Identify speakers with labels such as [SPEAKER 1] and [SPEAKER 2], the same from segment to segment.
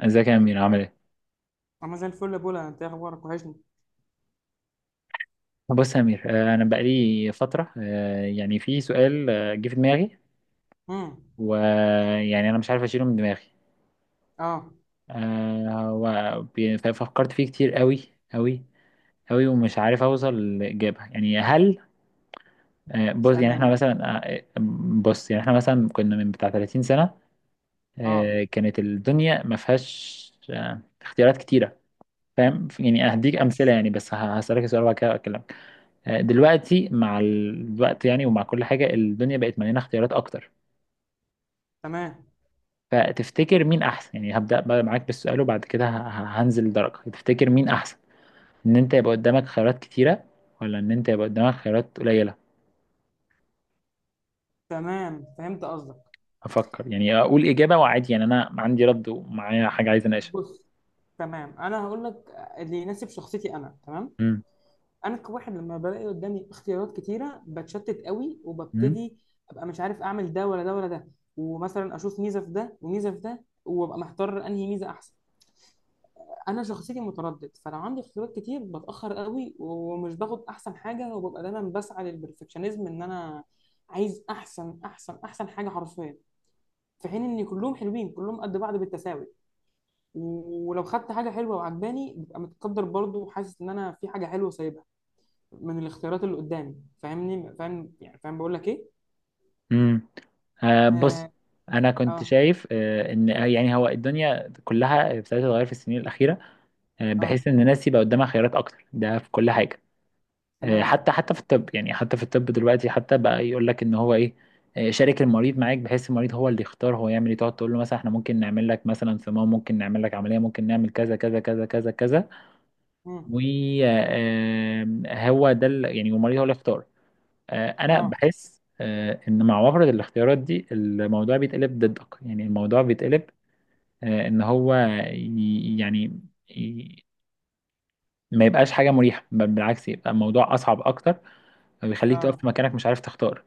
[SPEAKER 1] ازيك يا امير عامل ايه؟
[SPEAKER 2] انا زي الفل يا بولا. انت إيه اخبارك؟ وحشني.
[SPEAKER 1] بص يا امير، انا بقالي فتره، يعني في سؤال جه في دماغي،
[SPEAKER 2] امم.
[SPEAKER 1] ويعني انا مش عارف اشيله من دماغي.
[SPEAKER 2] اه.
[SPEAKER 1] ففكرت فيه كتير قوي قوي ومش عارف اوصل لاجابه. يعني هل، بص،
[SPEAKER 2] اسالني
[SPEAKER 1] يعني
[SPEAKER 2] يا
[SPEAKER 1] احنا
[SPEAKER 2] معلم.
[SPEAKER 1] مثلا، آه، بص يعني احنا مثلا كنا من بتاع 30 سنه،
[SPEAKER 2] اه.
[SPEAKER 1] كانت الدنيا ما فيهاش اختيارات كتيره. فاهم؟ يعني هديك امثله،
[SPEAKER 2] عايز.
[SPEAKER 1] يعني بس هسالك سؤال وبعد كده اكلمك. دلوقتي مع الوقت، يعني ومع كل حاجة، الدنيا بقت مليانة اختيارات أكتر.
[SPEAKER 2] تمام.
[SPEAKER 1] فتفتكر مين أحسن؟ يعني هبدأ بقى معاك بالسؤال وبعد كده هنزل درجة. تفتكر مين أحسن؟ إن أنت يبقى قدامك خيارات كتيرة، ولا إن أنت يبقى قدامك خيارات قليلة؟
[SPEAKER 2] تمام، فهمت قصدك.
[SPEAKER 1] أفكر، يعني أقول إجابة وعادي، يعني أنا عندي رد ومعايا حاجة عايز أناقشها.
[SPEAKER 2] بص، تمام، انا هقول لك اللي يناسب شخصيتي. انا تمام.
[SPEAKER 1] مم.
[SPEAKER 2] انا كواحد لما بلاقي قدامي اختيارات كتيره بتشتت قوي،
[SPEAKER 1] مم.
[SPEAKER 2] وببتدي ابقى مش عارف اعمل ده ولا ده ولا ده. ومثلا اشوف ميزه في ده وميزه في ده وابقى محتار انهي ميزه احسن. انا شخصيتي متردد، فلو عندي اختيارات كتير بتاخر قوي ومش باخد احسن حاجه، وببقى دايما بسعى للبرفكشنزم. ان انا عايز احسن احسن احسن حاجه حرفيا. في حين ان كلهم حلوين، كلهم قد بعض بالتساوي. ولو خدت حاجه حلوه وعجباني ببقى متقدر برضو، وحاسس ان انا في حاجه حلوه سايبها من الاختيارات اللي قدامي. فاهمني؟ فاهم يعني، فاهم بقول لك ايه؟
[SPEAKER 1] مم. آه بص،
[SPEAKER 2] اه
[SPEAKER 1] انا
[SPEAKER 2] اه,
[SPEAKER 1] كنت شايف آه ان، يعني هو الدنيا كلها ابتدت تتغير في السنين الاخيره، آه
[SPEAKER 2] آه.
[SPEAKER 1] بحيث ان الناس يبقى قدامها خيارات اكتر، ده في كل حاجه.
[SPEAKER 2] تمام.
[SPEAKER 1] حتى في الطب، يعني حتى في الطب دلوقتي حتى بقى يقول لك ان هو ايه، شارك المريض معاك بحيث المريض هو اللي يختار هو يعمل ايه. تقعد تقول له مثلا احنا ممكن نعمل لك مثلا صمام، ممكن نعمل لك عمليه، ممكن نعمل كذا كذا كذا كذا كذا،
[SPEAKER 2] مم.
[SPEAKER 1] وهو ده يعني، والمريض هو اللي يختار. انا
[SPEAKER 2] اه
[SPEAKER 1] بحس ان مع وفرة الاختيارات دي الموضوع بيتقلب ضدك، يعني الموضوع بيتقلب ان هو ي- يعني ي- ما يبقاش حاجه مريحه، بل بالعكس، يبقى الموضوع اصعب اكتر، فبيخليك تقف في
[SPEAKER 2] اه،
[SPEAKER 1] مكانك مش عارف تختار.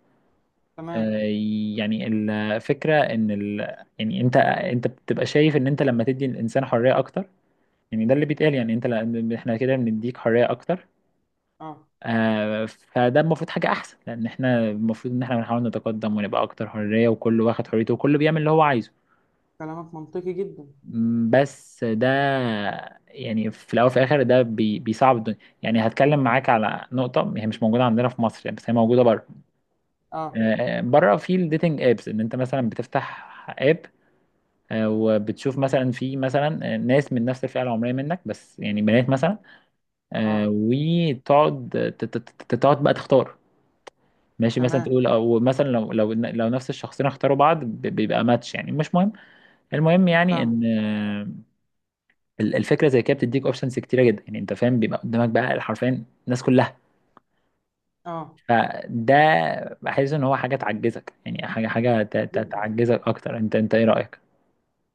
[SPEAKER 1] آه،
[SPEAKER 2] تمام.
[SPEAKER 1] يعني الفكرة ان، ال... يعني انت بتبقى شايف ان انت لما تدي الانسان حرية اكتر، يعني ده اللي بيتقال. يعني احنا كده بنديك حرية اكتر،
[SPEAKER 2] اه.
[SPEAKER 1] فده المفروض حاجة احسن، لان احنا المفروض ان احنا بنحاول نتقدم ونبقى اكتر حرية، وكل واخد حريته، وكل بيعمل اللي هو عايزه.
[SPEAKER 2] كلامك منطقي جدا.
[SPEAKER 1] بس ده، يعني في الاول وفي الاخر ده بيصعب الدنيا. يعني هتكلم معاك على نقطة هي مش موجودة عندنا في مصر، يعني بس هي موجودة بره.
[SPEAKER 2] اه
[SPEAKER 1] بره في الديتنج ابس، ان انت مثلا بتفتح اب وبتشوف مثلا في مثلا ناس من نفس الفئه العمريه منك، بس يعني بنات مثلا،
[SPEAKER 2] اه،
[SPEAKER 1] وتقعد تقعد بقى تختار. ماشي، مثلا
[SPEAKER 2] تمام،
[SPEAKER 1] تقول، او مثلا لو لو نفس الشخصين اختاروا بعض بيبقى ماتش، يعني مش مهم، المهم يعني
[SPEAKER 2] فاهم.
[SPEAKER 1] ان، الفكره زي كده بتديك اوبشنز كتيره جدا، يعني انت فاهم، بيبقى قدامك بقى حرفيا الناس كلها.
[SPEAKER 2] اه،
[SPEAKER 1] فده بحس ان هو حاجه تعجزك، يعني حاجه
[SPEAKER 2] جدا.
[SPEAKER 1] تعجزك اكتر. انت ايه رايك؟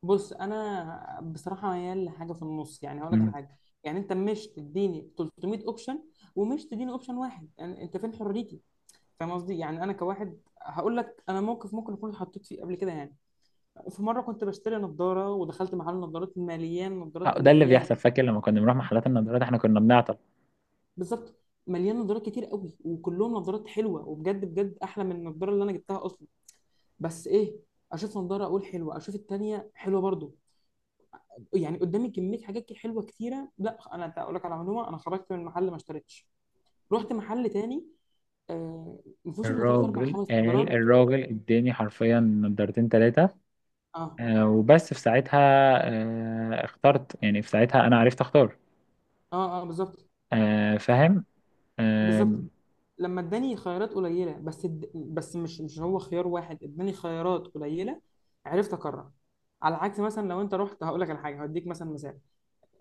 [SPEAKER 2] بص، انا بصراحه ميال لحاجه في النص. يعني هقول لك على
[SPEAKER 1] مم.
[SPEAKER 2] حاجه. يعني انت مش تديني 300 اوبشن، ومش تديني اوبشن واحد. يعني انت فين حريتي؟ فاهم قصدي؟ يعني انا كواحد هقول لك. انا موقف ممكن اكون اتحطيت فيه قبل كده يعني. في مره كنت بشتري نظاره ودخلت محل نظارات مليان نظارات
[SPEAKER 1] آه، ده اللي
[SPEAKER 2] مليان.
[SPEAKER 1] بيحصل. فاكر لما كنا بنروح محلات النظارات احنا كنا بنعطل.
[SPEAKER 2] بالظبط. مليان نظارات كتير قوي، وكلهم نظارات حلوه، وبجد بجد احلى من النظاره اللي انا جبتها اصلا. بس ايه؟ اشوف نظاره اقول حلوه، اشوف التانيه حلوه برضو. يعني قدامي كميه حاجات كده حلوه كتيره. لا، انا اقول لك على معلومه، انا خرجت من المحل ما اشتريتش. رحت محل تاني. آه ما فيهوش الا ثلاث اربع
[SPEAKER 1] الراجل
[SPEAKER 2] خمس
[SPEAKER 1] قال،
[SPEAKER 2] نضارات.
[SPEAKER 1] الراجل اداني حرفيا نضارتين تلاتة،
[SPEAKER 2] اه
[SPEAKER 1] وبس في ساعتها اخترت، يعني في ساعتها انا عرفت اختار.
[SPEAKER 2] اه اه، بالظبط.
[SPEAKER 1] فاهم. آه،
[SPEAKER 2] بالظبط. لما اداني خيارات قليله، بس بس مش هو خيار واحد، اداني خيارات قليله عرفت اقرر. على عكس مثلا لو انت رحت، هقول لك على حاجه، هديك مثلا مثال.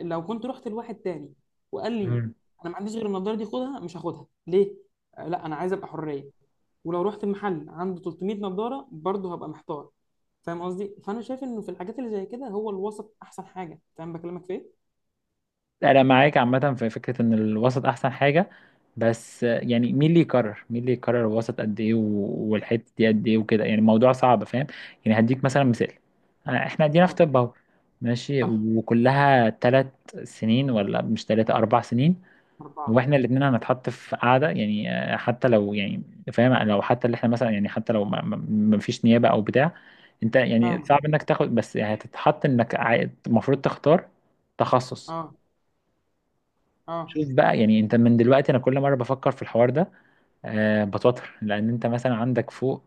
[SPEAKER 2] لو كنت رحت لواحد تاني وقال لي:
[SPEAKER 1] مم.
[SPEAKER 2] انا ما عنديش غير النضاره دي، خدها. مش هاخدها ليه؟ لا، انا عايز ابقى حريه. ولو رحت المحل عنده 300 نضاره برضه هبقى محتار. فاهم قصدي؟ فانا شايف انه في الحاجات اللي زي كده هو الوسط احسن حاجه. فاهم بكلمك في ايه؟
[SPEAKER 1] انا معاك عامة في فكرة ان الوسط احسن حاجة، بس يعني مين اللي يقرر؟ مين اللي يقرر الوسط قد ايه والحتة دي قد ايه وكده؟ يعني الموضوع صعب، فاهم. يعني هديك مثلا مثال، احنا ادينا في
[SPEAKER 2] اه.
[SPEAKER 1] طب اهو، ماشي،
[SPEAKER 2] صح.
[SPEAKER 1] وكلها تلات سنين ولا مش تلاتة، أربع سنين. هو
[SPEAKER 2] اربعه.
[SPEAKER 1] احنا الاثنين هنتحط في قاعده، يعني حتى لو يعني فاهم، لو حتى اللي احنا مثلا، يعني حتى لو ما فيش نيابه او بتاع، انت يعني
[SPEAKER 2] فاهمه.
[SPEAKER 1] صعب انك تاخد، بس يعني هتتحط انك المفروض تختار تخصص.
[SPEAKER 2] اه. اه.
[SPEAKER 1] شوف بقى، يعني انت من دلوقتي انا كل مره بفكر في الحوار ده أه بتوتر، لان انت مثلا عندك فوق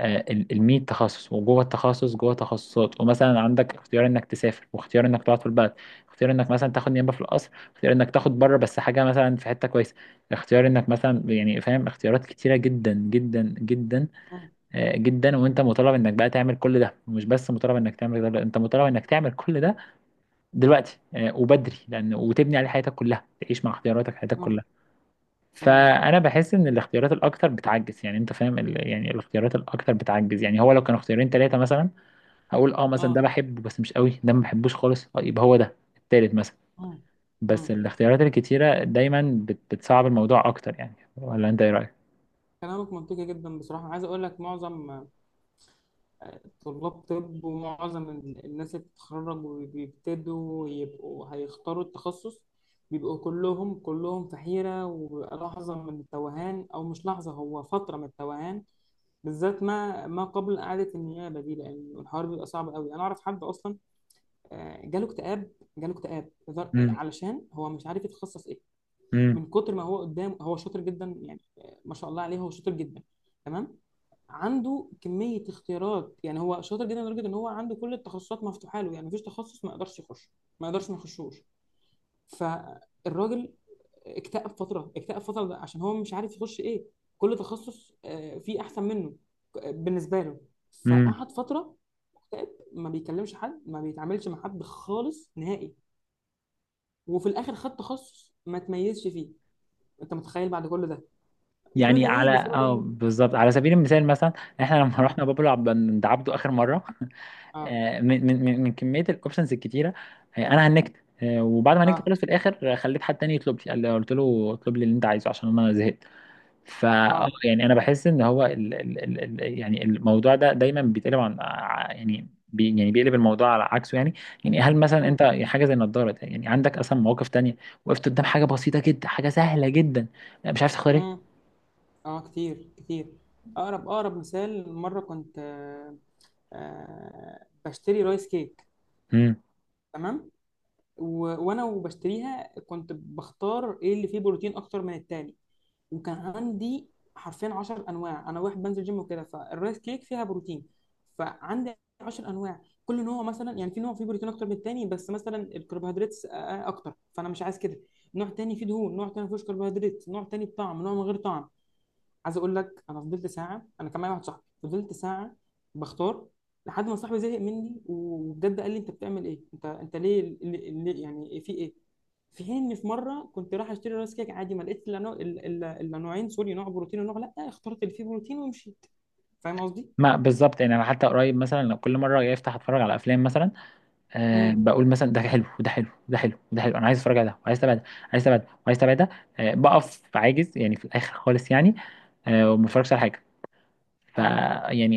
[SPEAKER 1] المية تخصص، وجوه التخصص جوه تخصصات، ومثلا عندك اختيار انك تسافر واختيار انك تقعد في البلد، اختيار انك مثلا تاخد نيابه في القصر، اختيار انك تاخد بره بس حاجه مثلا في حته كويسه، اختيار انك مثلا يعني فاهم، اختيارات كتيره جدا جدا جدا
[SPEAKER 2] مم،
[SPEAKER 1] آه، جدا وانت مطالب انك بقى تعمل كل ده، ومش بس مطالب انك تعمل ده لا، انت مطالب انك تعمل كل ده دلوقتي وبدري، لان وتبني عليه حياتك كلها، تعيش مع اختياراتك حياتك
[SPEAKER 2] مم،
[SPEAKER 1] كلها.
[SPEAKER 2] مم،
[SPEAKER 1] فانا بحس ان الاختيارات الاكتر بتعجز، يعني انت فاهم، ال... يعني الاختيارات الاكتر بتعجز. يعني هو لو كانوا اختيارين ثلاثه مثلا، هقول اه مثلا ده
[SPEAKER 2] اه،
[SPEAKER 1] بحبه بس مش قوي، ده ما بحبوش خالص، يبقى هو ده التالت مثلا.
[SPEAKER 2] مم،
[SPEAKER 1] بس
[SPEAKER 2] مم.
[SPEAKER 1] الاختيارات الكتيره دايما بتصعب الموضوع اكتر. يعني ولا انت ايه رايك؟
[SPEAKER 2] كلامك منطقي جدا بصراحه. عايز اقول لك معظم طلاب طب، ومعظم الناس اللي بتتخرج وبيبتدوا يبقوا هيختاروا التخصص، بيبقوا كلهم كلهم في حيرة. وبيبقى لحظة من التوهان، أو مش لحظة، هو فترة من التوهان. بالذات ما قبل إعادة النيابة دي. لأن الحوار بيبقى صعب قوي. أنا أعرف حد أصلا جاله اكتئاب. جاله اكتئاب
[SPEAKER 1] امم
[SPEAKER 2] علشان هو مش عارف يتخصص إيه.
[SPEAKER 1] امم
[SPEAKER 2] من كتر ما هو قدام. هو شاطر جدا يعني، ما شاء الله عليه، هو شاطر جدا. تمام. عنده كمية اختيارات. يعني هو شاطر جدا لدرجة ان هو عنده كل التخصصات مفتوحة له. يعني مفيش تخصص ما يقدرش يخش. ما يقدرش ما يخشوش. فالراجل اكتئب فترة، اكتئب فترة، ده عشان هو مش عارف يخش ايه. كل تخصص فيه احسن منه بالنسبة له.
[SPEAKER 1] امم
[SPEAKER 2] فقعد فترة مكتئب، ما بيكلمش حد، ما بيتعاملش مع حد خالص نهائي. وفي الاخر خد تخصص ما تميزش فيه. انت متخيل بعد كل ده؟ وكل
[SPEAKER 1] يعني
[SPEAKER 2] ده
[SPEAKER 1] على
[SPEAKER 2] ليه؟ بسبب
[SPEAKER 1] اه
[SPEAKER 2] ان.
[SPEAKER 1] بالظبط، على سبيل المثال مثلا، احنا لما
[SPEAKER 2] اه.
[SPEAKER 1] رحنا بابلو عبد عند عبده اخر مره
[SPEAKER 2] اه.
[SPEAKER 1] من كميه الاوبشنز الكتيره، انا هنكت وبعد ما هنكت
[SPEAKER 2] اه.
[SPEAKER 1] خلص في الاخر خليت حد تاني يطلب لي. قال لي قلت له اطلب لي اللي انت عايزه عشان انا زهقت. فا آه،
[SPEAKER 2] اه.
[SPEAKER 1] يعني انا بحس ان هو ال ال ال ال يعني الموضوع ده دايما بيتقلب يعني يعني بيقلب الموضوع على عكسه يعني. يعني هل مثلا
[SPEAKER 2] اه.
[SPEAKER 1] انت حاجه زي النضاره ده؟ يعني عندك اصلا مواقف تانية وقفت قدام حاجه بسيطه جدا، حاجه سهله جدا، مش عارف تختار ايه؟
[SPEAKER 2] اه, آه. كتير كتير. اقرب اقرب مثال، مره كنت بشتري رايس كيك.
[SPEAKER 1] مم.
[SPEAKER 2] تمام. و... وانا وبشتريها كنت بختار ايه اللي فيه بروتين اكتر من التاني. وكان عندي حرفيا 10 انواع. انا واحد بنزل جيم وكده، فالرايس كيك فيها بروتين. فعندي 10 انواع، كل نوع مثلا، يعني في نوع فيه بروتين اكتر من التاني بس مثلا الكربوهيدرات اكتر، فانا مش عايز كده. نوع تاني فيه دهون، نوع تاني ما فيهوش كربوهيدرات، نوع تاني بطعم، نوع من غير طعم. عايز اقول لك، انا فضلت ساعه. انا كان معايا واحد صاحبي، فضلت ساعه بختار لحد ما صاحبي زهق مني وبجد قال لي: انت بتعمل ايه؟ انت ليه, ليه, ليه؟ يعني في ايه؟ في حين ان في مره كنت رايح اشتري راس كيك عادي، ما لقيتش الا نوع- إلا- إلا- إلا نوعين. سوري، نوع بروتين ونوع لا. اخترت اللي فيه بروتين ومشيت. فاهم قصدي؟
[SPEAKER 1] ما بالظبط، يعني انا حتى قريب مثلا لو كل مره جاي افتح اتفرج على افلام مثلا، آه
[SPEAKER 2] امم.
[SPEAKER 1] بقول مثلا ده حلو وده حلو وده حلو وده حلو، انا عايز اتفرج على ده وعايز اتابع ده، عايز اتابع ده وعايز اتابع ده، آه بقف عاجز يعني في الاخر خالص، يعني آه وما بتفرجش على حاجه. ف
[SPEAKER 2] اه.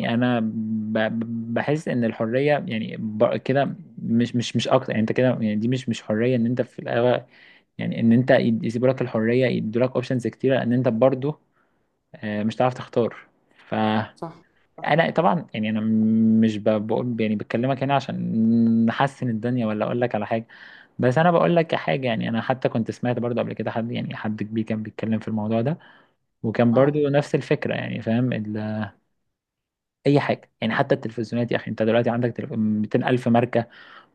[SPEAKER 2] صح
[SPEAKER 1] انا بحس ان الحريه يعني كده مش اكتر، يعني انت كده يعني دي مش حريه. ان انت في الاغلب، يعني ان انت يسيبوا لك الحريه، يدوا لك اوبشنز كتيره، ان انت برضو آه مش هتعرف تختار. ف
[SPEAKER 2] صح صح.
[SPEAKER 1] انا طبعا يعني انا مش بقول، يعني بكلمك هنا عشان نحسن الدنيا ولا اقول لك على حاجه، بس انا بقول لك حاجه. يعني انا حتى كنت سمعت برضو قبل كده حد، يعني حد كبير كان بيتكلم في الموضوع ده، وكان برضو
[SPEAKER 2] اه.
[SPEAKER 1] نفس الفكره، يعني فاهم اي حاجه. يعني حتى التلفزيونات يا اخي، انت دلوقتي عندك 200 الف ماركه،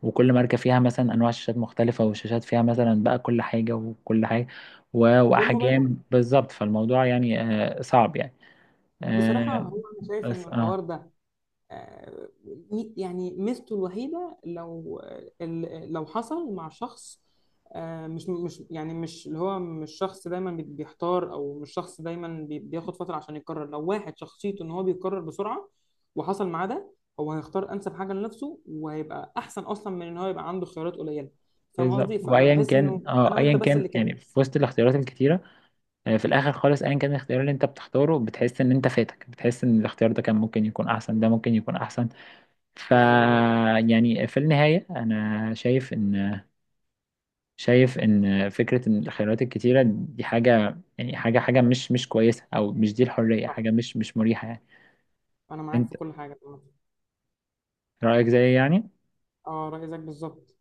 [SPEAKER 1] وكل ماركه فيها مثلا انواع شاشات مختلفه، والشاشات فيها مثلا بقى كل حاجه وكل حاجه،
[SPEAKER 2] والموبايلات.
[SPEAKER 1] واحجام بالظبط، فالموضوع يعني صعب يعني.
[SPEAKER 2] بصراحه
[SPEAKER 1] آه،
[SPEAKER 2] هو انا شايف ان
[SPEAKER 1] بس
[SPEAKER 2] الحوار
[SPEAKER 1] اه
[SPEAKER 2] ده آه، يعني ميزته الوحيدة لو، لو حصل مع شخص مش يعني مش اللي هو مش شخص دايما بيحتار، او مش شخص دايما بياخد فترة عشان يقرر. لو واحد شخصيته ان هو بيقرر بسرعة وحصل معاه ده، هو هيختار انسب حاجة لنفسه، وهيبقى احسن اصلا من ان هو يبقى عنده خيارات قليلة. فاهم
[SPEAKER 1] بالظبط،
[SPEAKER 2] قصدي؟ فانا
[SPEAKER 1] وايا
[SPEAKER 2] بحس
[SPEAKER 1] كان
[SPEAKER 2] انه انا
[SPEAKER 1] اه ايا
[SPEAKER 2] وانت بس
[SPEAKER 1] كان،
[SPEAKER 2] اللي
[SPEAKER 1] يعني
[SPEAKER 2] كده.
[SPEAKER 1] في وسط الاختيارات الكتيره في الاخر خالص ايا كان الاختيار اللي انت بتختاره، بتحس ان انت فاتك، بتحس ان الاختيار ده كان ممكن يكون احسن، ده ممكن يكون احسن. ف
[SPEAKER 2] بالظبط.
[SPEAKER 1] يعني في النهايه انا شايف ان، شايف ان فكره ان الخيارات الكتيره دي حاجه، يعني حاجه مش كويسه، او مش دي الحريه،
[SPEAKER 2] صح.
[SPEAKER 1] حاجه مش مريحه يعني.
[SPEAKER 2] انا معاك
[SPEAKER 1] انت
[SPEAKER 2] في كل حاجة.
[SPEAKER 1] رايك زيي يعني؟
[SPEAKER 2] اه، رأي زيك بالظبط.